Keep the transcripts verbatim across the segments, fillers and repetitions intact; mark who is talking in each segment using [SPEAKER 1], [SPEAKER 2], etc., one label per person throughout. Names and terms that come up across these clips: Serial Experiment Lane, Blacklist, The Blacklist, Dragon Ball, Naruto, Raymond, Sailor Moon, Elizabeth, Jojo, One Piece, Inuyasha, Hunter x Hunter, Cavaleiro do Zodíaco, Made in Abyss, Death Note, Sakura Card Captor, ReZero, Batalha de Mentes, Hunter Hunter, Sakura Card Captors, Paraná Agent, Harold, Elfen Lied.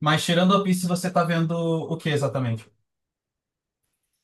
[SPEAKER 1] Mas tirando One Piece, você tá vendo o que exatamente?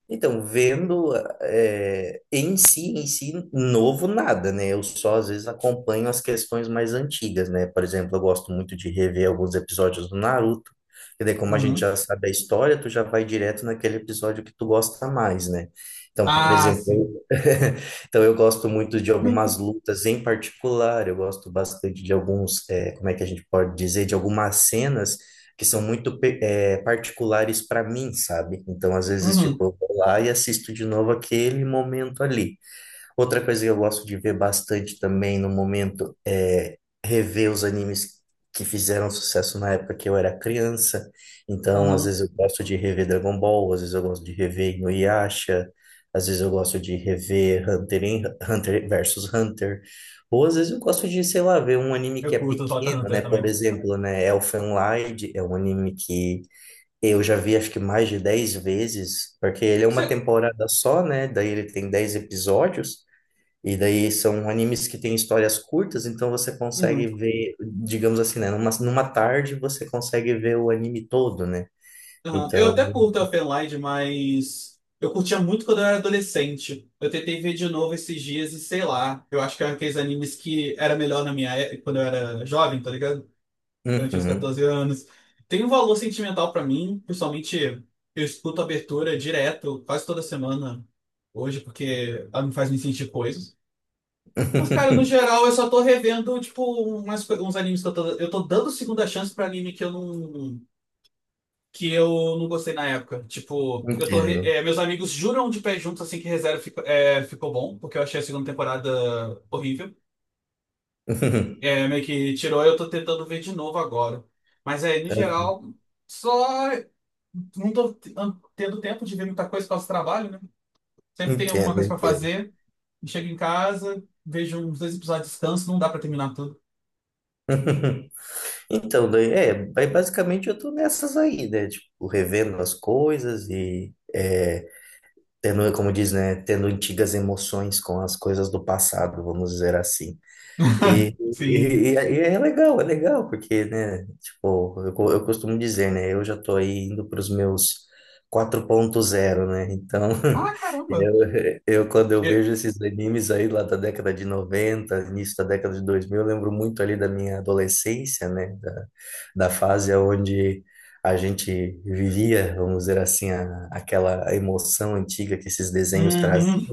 [SPEAKER 2] Então, vendo é, em si, em si, novo nada, né? Eu só às vezes acompanho as questões mais antigas, né? Por exemplo, eu gosto muito de rever alguns episódios do Naruto, e daí, como a gente
[SPEAKER 1] Uhum.
[SPEAKER 2] já sabe a história, tu já vai direto naquele episódio que tu gosta mais, né? Então, por
[SPEAKER 1] Ah, sim.
[SPEAKER 2] exemplo, então eu gosto muito de algumas lutas em particular, eu gosto bastante de alguns, é, como é que a gente pode dizer, de algumas cenas que são muito pe- é, particulares para mim, sabe? Então, às vezes, tipo,
[SPEAKER 1] Uhum.
[SPEAKER 2] eu vou lá e assisto de novo aquele momento ali. Outra coisa que eu gosto de ver bastante também no momento é rever os animes que fizeram sucesso na época que eu era criança. Então, às
[SPEAKER 1] Uhum.
[SPEAKER 2] vezes eu gosto de rever Dragon Ball, às vezes eu gosto de rever Inuyasha, às vezes eu gosto de rever Hunter, em- Hunter versus Hunter. Ou às vezes eu gosto de, sei lá, ver um anime que
[SPEAKER 1] Eu
[SPEAKER 2] é
[SPEAKER 1] curto o Hunter x
[SPEAKER 2] pequeno,
[SPEAKER 1] Hunter
[SPEAKER 2] né? Por
[SPEAKER 1] também.
[SPEAKER 2] exemplo, né, Elfen Lied é um anime que eu já vi acho que mais de dez vezes, porque ele é uma
[SPEAKER 1] Você...
[SPEAKER 2] temporada só, né? Daí ele tem dez episódios. E daí são animes que têm histórias curtas, então você
[SPEAKER 1] Uhum.
[SPEAKER 2] consegue ver, digamos assim, né? Numa, numa tarde você consegue ver o anime todo, né?
[SPEAKER 1] Aham. Eu
[SPEAKER 2] Então,
[SPEAKER 1] até curto Elfen Lied, mas eu curtia muito quando eu era adolescente. Eu tentei ver de novo esses dias e sei lá. Eu acho que era aqueles animes que era melhor na minha época, quando eu era jovem, tá ligado? Durante os
[SPEAKER 2] uhum.
[SPEAKER 1] catorze anos. Tem um valor sentimental pra mim, principalmente eu escuto a abertura direto, quase toda semana hoje, porque ela me faz me sentir coisas. Mas, cara, no geral, eu só tô revendo, tipo, umas, coi- uns animes que eu tô, eu tô dando segunda chance pra anime que eu não, que eu não gostei na época. Tipo, eu tô, re-
[SPEAKER 2] Entendo.
[SPEAKER 1] é, meus amigos juram de pé juntos assim que ReZero ficou, é, ficou bom, porque eu achei a segunda temporada horrível. É, meio que tirou, eu tô tentando ver de novo agora. Mas é, no geral, só. Não tô t- an- tendo tempo de ver muita coisa por causa do trabalho, né? Sempre tem alguma
[SPEAKER 2] Entendo,
[SPEAKER 1] coisa pra
[SPEAKER 2] entendo.
[SPEAKER 1] fazer, e chego em casa, vejo uns dois episódios de descanso, não dá pra terminar tudo.
[SPEAKER 2] Então, daí, é, ba- basicamente eu tô nessas aí, né? Tipo, revendo as coisas e é, tendo, como diz, né? Tendo antigas emoções com as coisas do passado, vamos dizer assim. E,
[SPEAKER 1] Sim.
[SPEAKER 2] e, e é é legal, é legal, porque, né, tipo, eu, co- eu costumo dizer, né, eu já tô aí indo para os meus quatro ponto zero, né, então,
[SPEAKER 1] Ah, caramba!
[SPEAKER 2] eu, eu, quando eu
[SPEAKER 1] Eu-
[SPEAKER 2] vejo esses animes aí lá da década de noventa, início da década de dois mil, eu lembro muito ali da minha adolescência, né, da, da fase onde a gente vivia, vamos dizer assim, a, aquela emoção antiga que esses desenhos trazem,
[SPEAKER 1] Uhum.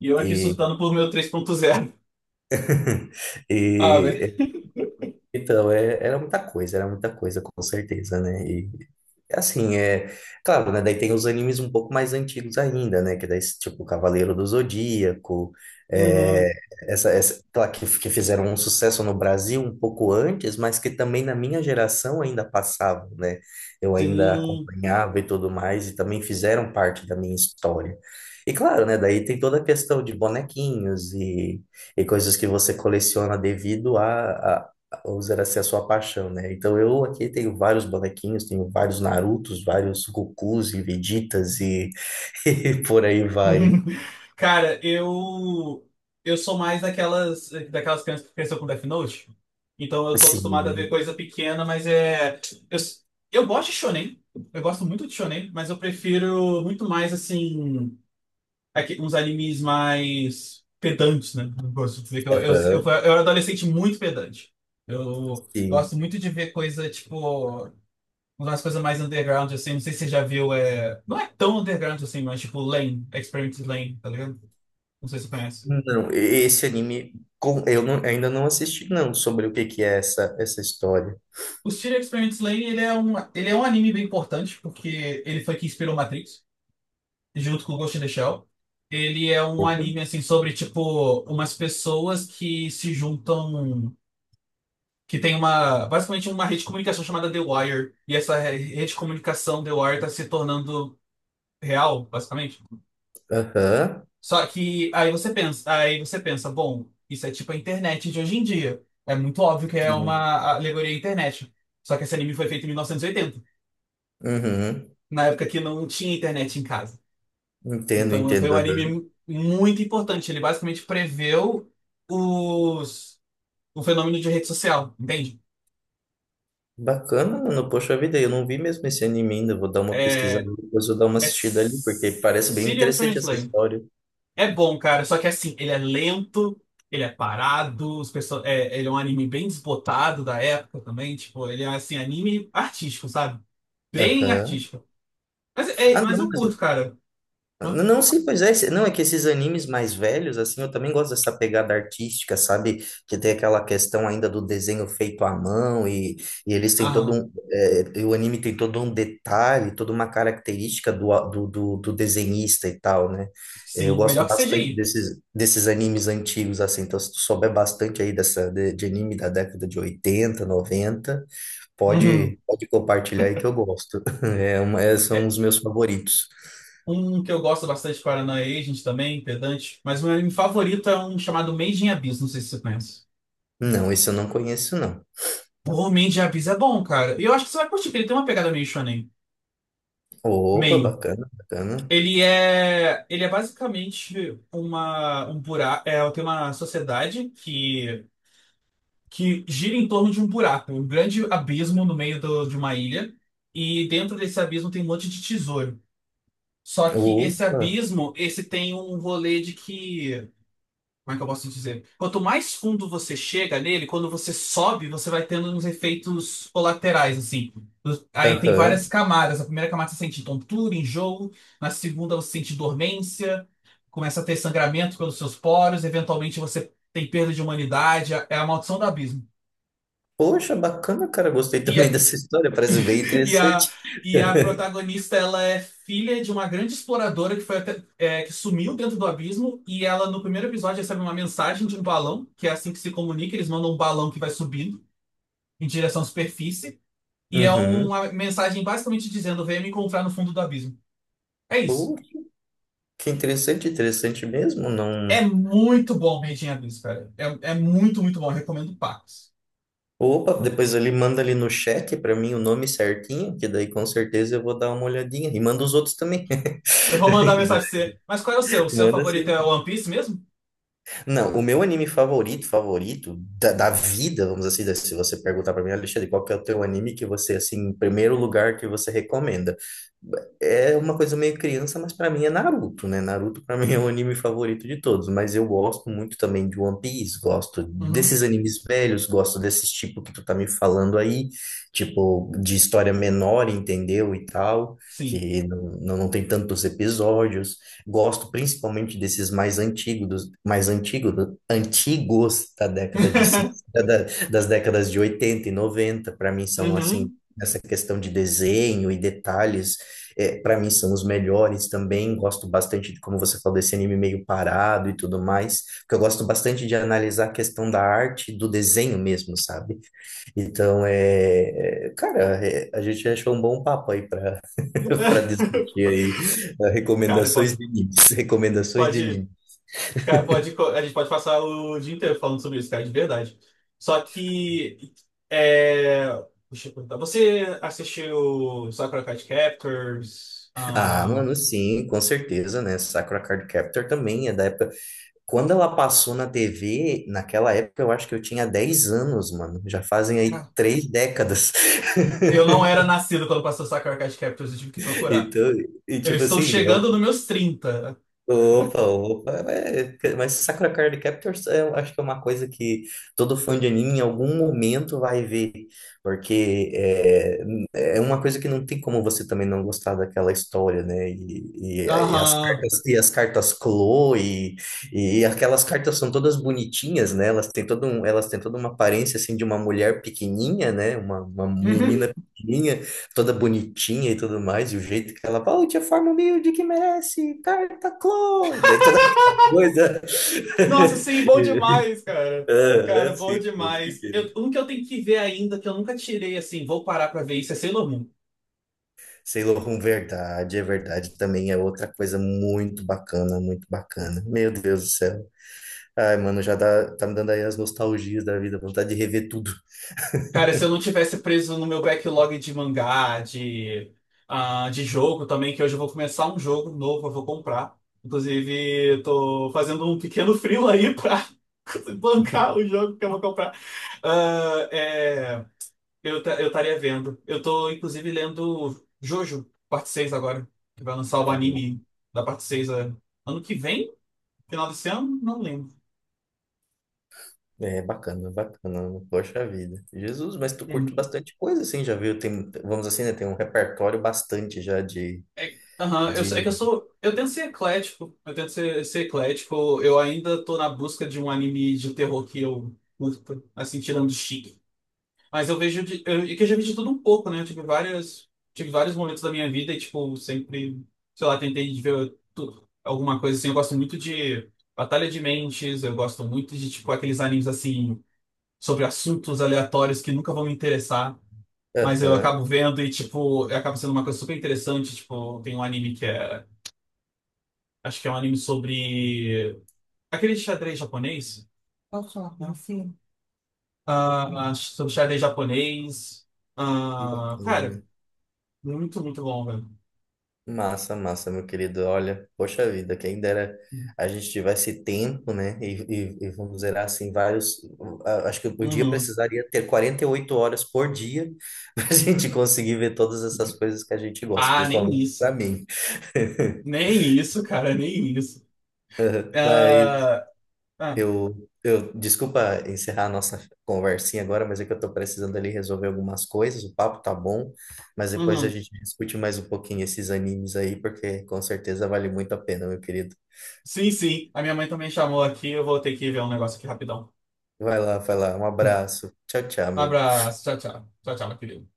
[SPEAKER 1] E eu aqui surtando por meu três ponto zero. Ah, velho.
[SPEAKER 2] e Então, é- era muita coisa, era muita coisa, com certeza, né? E é assim, é claro, né? Daí tem os animes um pouco mais antigos ainda, né? Que daí, tipo, Cavaleiro do Zodíaco, é,
[SPEAKER 1] Uhum.
[SPEAKER 2] essa, essa, claro, que, que fizeram um sucesso no Brasil um pouco antes, mas que também na minha geração ainda passavam, né? Eu ainda
[SPEAKER 1] Sim.
[SPEAKER 2] acompanhava e tudo mais, e também fizeram parte da minha história. E claro, né? Daí tem toda a questão de bonequinhos e e coisas que você coleciona devido a usar essa é a sua paixão, né? Então eu aqui tenho vários bonequinhos, tenho vários Narutos, vários Gokus e Vegetas e, e por aí vai.
[SPEAKER 1] Cara, eu eu sou mais daquelas daquelas crianças que cresceu com Death Note. Então eu tô acostumado a ver
[SPEAKER 2] Sim,
[SPEAKER 1] coisa pequena, mas é eu, eu gosto de shonen. Eu gosto muito de shonen, mas eu prefiro muito mais assim aqui- uns animes mais pedantes, né? Eu gosto de dizer que eu eu, eu, fui-
[SPEAKER 2] aham,
[SPEAKER 1] eu era adolescente muito pedante. Eu
[SPEAKER 2] sim.
[SPEAKER 1] gosto muito de ver coisa tipo umas coisas mais underground, assim, não sei se você já viu, é... não é tão underground assim, mas tipo Lane, Experience Lane, tá ligado? Não sei se você conhece.
[SPEAKER 2] Não, esse anime com- eu não- ainda não assisti, não, sobre o que que é essa, essa história.
[SPEAKER 1] O Studio Experience Lane, ele é um, ele é um anime bem importante, porque ele foi que inspirou Matrix, junto com Ghost in the Shell. Ele é um
[SPEAKER 2] Opa,
[SPEAKER 1] anime, assim, sobre, tipo, umas pessoas que se juntam, que tem uma, basicamente uma rede de comunicação chamada The Wire, e essa re- rede de comunicação The Wire tá se tornando real, basicamente.
[SPEAKER 2] aham,
[SPEAKER 1] Só que aí você pensa, aí você pensa, bom, isso é tipo a internet de hoje em dia. É muito óbvio que é
[SPEAKER 2] sim,
[SPEAKER 1] uma alegoria à internet. Só que esse anime foi feito em mil novecentos e oitenta,
[SPEAKER 2] uhum.
[SPEAKER 1] na época que não tinha internet em casa.
[SPEAKER 2] Entendo,
[SPEAKER 1] Então foi
[SPEAKER 2] entendo.
[SPEAKER 1] um anime
[SPEAKER 2] Aham.
[SPEAKER 1] mu- muito importante. Ele basicamente preveu os, o fenômeno de rede social, entende?
[SPEAKER 2] Bacana, mano. Poxa vida, eu não vi mesmo esse anime ainda. Vou dar uma
[SPEAKER 1] É,
[SPEAKER 2] pesquisada depois, vou dar uma
[SPEAKER 1] é
[SPEAKER 2] assistida ali, porque
[SPEAKER 1] S-
[SPEAKER 2] parece bem
[SPEAKER 1] Serial
[SPEAKER 2] interessante
[SPEAKER 1] Experiment
[SPEAKER 2] essa
[SPEAKER 1] Lane.
[SPEAKER 2] história.
[SPEAKER 1] É bom, cara, só que assim, ele é lento, ele é parado, os perso- é, ele é um anime bem desbotado da época também, tipo, ele é assim, anime artístico, sabe? Bem
[SPEAKER 2] Aham.
[SPEAKER 1] artístico. Mas, é,
[SPEAKER 2] Ah,
[SPEAKER 1] mas
[SPEAKER 2] não,
[SPEAKER 1] eu curto,
[SPEAKER 2] mas-
[SPEAKER 1] cara. Hã?
[SPEAKER 2] não, sim, pois é. Não, é que esses animes mais velhos, assim, eu também gosto dessa pegada artística, sabe? Que tem aquela questão ainda do desenho feito à mão e, e eles têm todo
[SPEAKER 1] Aham.
[SPEAKER 2] um. é, e o anime tem todo um detalhe, toda uma característica do, a- do, do, do desenhista e tal, né? É, eu
[SPEAKER 1] Sim, melhor
[SPEAKER 2] gosto
[SPEAKER 1] que
[SPEAKER 2] bastante
[SPEAKER 1] C G I.
[SPEAKER 2] desses, desses animes antigos, assim. Então, se tu souber bastante aí dessa, de, de anime da década de oitenta, noventa,
[SPEAKER 1] Uhum.
[SPEAKER 2] pode, pode compartilhar aí que eu gosto. É uma- é- são
[SPEAKER 1] É,
[SPEAKER 2] os meus favoritos.
[SPEAKER 1] um que eu gosto bastante, Paraná Agent também, Pedante, mas o meu anime favorito é um chamado Made in Abyss, não sei se você conhece.
[SPEAKER 2] Não, isso eu não conheço, não.
[SPEAKER 1] Pô, Made in Abyss é bom, cara. E eu acho que você vai curtir, porque ele tem uma pegada meio shonen.
[SPEAKER 2] Opa,
[SPEAKER 1] Meio.
[SPEAKER 2] bacana, bacana.
[SPEAKER 1] Ele é, ele é basicamente uma, um buraco, é, tem uma sociedade que, que gira em torno de um buraco, um grande abismo no meio do- de uma ilha, e dentro desse abismo tem um monte de tesouro. Só que esse
[SPEAKER 2] Opa,
[SPEAKER 1] abismo, esse tem um rolê de que como é que eu posso te dizer? Quanto mais fundo você chega nele, quando você sobe, você vai tendo uns efeitos colaterais, assim. Do- Aí tem várias
[SPEAKER 2] aham.
[SPEAKER 1] camadas. A primeira camada você sente tontura, enjoo. Na segunda você sente dormência. Começa a ter sangramento pelos seus poros. Eventualmente você tem perda de humanidade. É a maldição do abismo.
[SPEAKER 2] Poxa, bacana, cara. Gostei também
[SPEAKER 1] E,
[SPEAKER 2] dessa história. Parece bem
[SPEAKER 1] E a,
[SPEAKER 2] interessante.
[SPEAKER 1] e a protagonista, ela é filha de uma grande exploradora que foi até- é, que sumiu dentro do abismo, e ela no primeiro episódio recebe uma mensagem de um balão, que é assim que se comunica, eles mandam um balão que vai subindo em direção à superfície, e é
[SPEAKER 2] Uhum.
[SPEAKER 1] uma mensagem basicamente dizendo venha me encontrar no fundo do abismo. É
[SPEAKER 2] Pô,
[SPEAKER 1] isso.
[SPEAKER 2] que interessante, interessante mesmo.
[SPEAKER 1] É
[SPEAKER 2] Não.
[SPEAKER 1] muito bom Rei de Abismo, cara. É, é muito, muito bom. Eu recomendo Pacos.
[SPEAKER 2] Opa, depois ele manda ali no chat pra mim o nome certinho, que daí com certeza eu vou dar uma olhadinha. E manda os outros também.
[SPEAKER 1] Eu vou mandar mensagem pra você. Mas qual é o seu? O seu
[SPEAKER 2] Manda,
[SPEAKER 1] favorito é
[SPEAKER 2] sim.
[SPEAKER 1] One Piece mesmo?
[SPEAKER 2] Não, o meu anime favorito, favorito da, da vida, vamos assim, dizer, assim, se você perguntar pra mim, Alexandre, qual que é o teu anime que você, assim, em primeiro lugar que você recomenda? É uma coisa meio criança, mas pra mim é Naruto, né? Naruto pra mim é o anime favorito de todos, mas eu gosto muito também de One Piece, gosto
[SPEAKER 1] Uhum.
[SPEAKER 2] desses animes velhos, gosto desses tipo que tu tá me falando aí, tipo de história menor, entendeu? E tal,
[SPEAKER 1] Sim.
[SPEAKER 2] que não, não não tem tantos episódios. Gosto principalmente desses mais antigos, mais antigos, antigos da década de sessenta, da- das décadas de oitenta e noventa. Para mim são assim,
[SPEAKER 1] Uhum.
[SPEAKER 2] essa questão de desenho e detalhes, para mim são os melhores também. Gosto bastante de como você falou desse anime meio parado e tudo mais, porque eu gosto bastante de analisar a questão da arte, do desenho mesmo, sabe? Então, é, é, cara, é, a gente achou um bom papo aí para para discutir aí, eh,
[SPEAKER 1] Cara,
[SPEAKER 2] recomendações
[SPEAKER 1] pode,
[SPEAKER 2] de animes, recomendações de
[SPEAKER 1] pode.
[SPEAKER 2] anime.
[SPEAKER 1] Cara, pode, co- a gente pode passar o dia inteiro falando sobre isso, cara, de verdade. Só que. É... Deixa eu perguntar. Você assistiu Sakura Card Captors?
[SPEAKER 2] Ah,
[SPEAKER 1] Ah,
[SPEAKER 2] mano, sim, com certeza, né? Sakura Card Captor também é da época. Quando ela passou na T V, naquela época eu acho que eu tinha dez anos, mano. Já fazem aí três décadas.
[SPEAKER 1] eu não era nascido quando passou Sakura Card Captors, eu tive que procurar.
[SPEAKER 2] Então, e
[SPEAKER 1] Eu
[SPEAKER 2] tipo
[SPEAKER 1] estou
[SPEAKER 2] assim,
[SPEAKER 1] chegando nos
[SPEAKER 2] é
[SPEAKER 1] meus trinta.
[SPEAKER 2] Opa, opa, é, é, mas Sakura Card Captors é, eu acho que é uma coisa que todo fã de anime em algum momento vai ver, porque é, é uma coisa que não tem como você também não gostar daquela história, né? E, e, e as
[SPEAKER 1] Aham.
[SPEAKER 2] cartas, e as cartas Clo e, e aquelas cartas são todas bonitinhas, né? Elas têm todo um, elas têm toda uma aparência assim de uma mulher pequenininha, né? Uma, uma menina
[SPEAKER 1] Uhum.
[SPEAKER 2] pequenininha toda bonitinha e tudo mais, e o jeito que ela fala, oh, tia forma humilde que merece, carta Chloe, daí toda aquela coisa.
[SPEAKER 1] Nossa, sim, bom demais, cara.
[SPEAKER 2] Ah,
[SPEAKER 1] Cara, bom
[SPEAKER 2] sim, eu
[SPEAKER 1] demais.
[SPEAKER 2] fiquei.
[SPEAKER 1] Eu, um que eu tenho que ver ainda, que eu nunca tirei, assim, vou parar pra ver isso, é Sailor Moon.
[SPEAKER 2] Sailor Moon, verdade, é verdade, também é outra coisa muito bacana, muito bacana. Meu Deus do céu. Ai, mano, já dá, tá me dando aí as nostalgias da vida, vontade de rever tudo.
[SPEAKER 1] Cara, se eu não tivesse preso no meu backlog de mangá, de, ah, de jogo também, que hoje eu vou começar um jogo novo, eu vou comprar. Inclusive, eu tô fazendo um pequeno freela aí pra bancar o jogo que eu vou comprar. Ah, é. Eu ta- eu estaria vendo. Eu tô, inclusive, lendo Jojo, parte seis agora. Que vai lançar o anime da parte seis é, ano que vem? Final desse ano? Não lembro.
[SPEAKER 2] É bacana, bacana, poxa vida. Jesus, mas tu curte
[SPEAKER 1] Uhum.
[SPEAKER 2] bastante coisa, assim, já viu? Tem, vamos assim, né? Tem um repertório bastante já de,
[SPEAKER 1] É, aham, eu, sou- é que
[SPEAKER 2] De.
[SPEAKER 1] eu sou. Eu tento ser eclético. Eu tento ser, ser eclético. Eu ainda tô na busca de um anime de terror que eu curta, assim, tirando Chique. Mas eu vejo de, eu, é que eu já vi de tudo um pouco, né? Eu tive várias, tive vários momentos da minha vida e, tipo, sempre, sei lá, tentei de ver tu- alguma coisa assim. Eu gosto muito de Batalha de Mentes, eu gosto muito de, tipo, aqueles animes assim, sobre assuntos aleatórios que nunca vão me interessar, mas eu
[SPEAKER 2] Aham,
[SPEAKER 1] acabo vendo e, tipo, acaba sendo uma coisa super interessante. Tipo, tem um anime que é, acho que é um anime sobre aquele xadrez japonês. Posso falar com você? Ah, sobre xadrez japonês. Ah, cara.
[SPEAKER 2] bacana.
[SPEAKER 1] Muito, muito bom, velho.
[SPEAKER 2] Massa, massa, meu querido. Olha, poxa vida, quem dera a gente tivesse tempo, né? E, e, e vamos dizer assim, vários. a- Acho que o dia
[SPEAKER 1] Uhum.
[SPEAKER 2] precisaria ter quarenta e oito horas por dia para a gente conseguir ver todas essas coisas que a gente gosta,
[SPEAKER 1] Ah, nem
[SPEAKER 2] principalmente para
[SPEAKER 1] isso.
[SPEAKER 2] mim.
[SPEAKER 1] Nem isso, cara, nem isso.
[SPEAKER 2] Mas
[SPEAKER 1] Ah, ah,
[SPEAKER 2] Eu, eu, desculpa encerrar a nossa conversinha agora, mas é que eu tô precisando ali resolver algumas coisas. O papo tá bom, mas depois a
[SPEAKER 1] uhum.
[SPEAKER 2] gente discute mais um pouquinho esses animes aí, porque com certeza vale muito a pena, meu querido.
[SPEAKER 1] Sim, sim. A minha mãe também chamou aqui. Eu vou ter que ver um negócio aqui rapidão.
[SPEAKER 2] Vai lá, vai lá. Um abraço. Tchau, tchau,
[SPEAKER 1] Um
[SPEAKER 2] meu.
[SPEAKER 1] abraço. Tchau, tchau. Tchau, tchau, meu querido.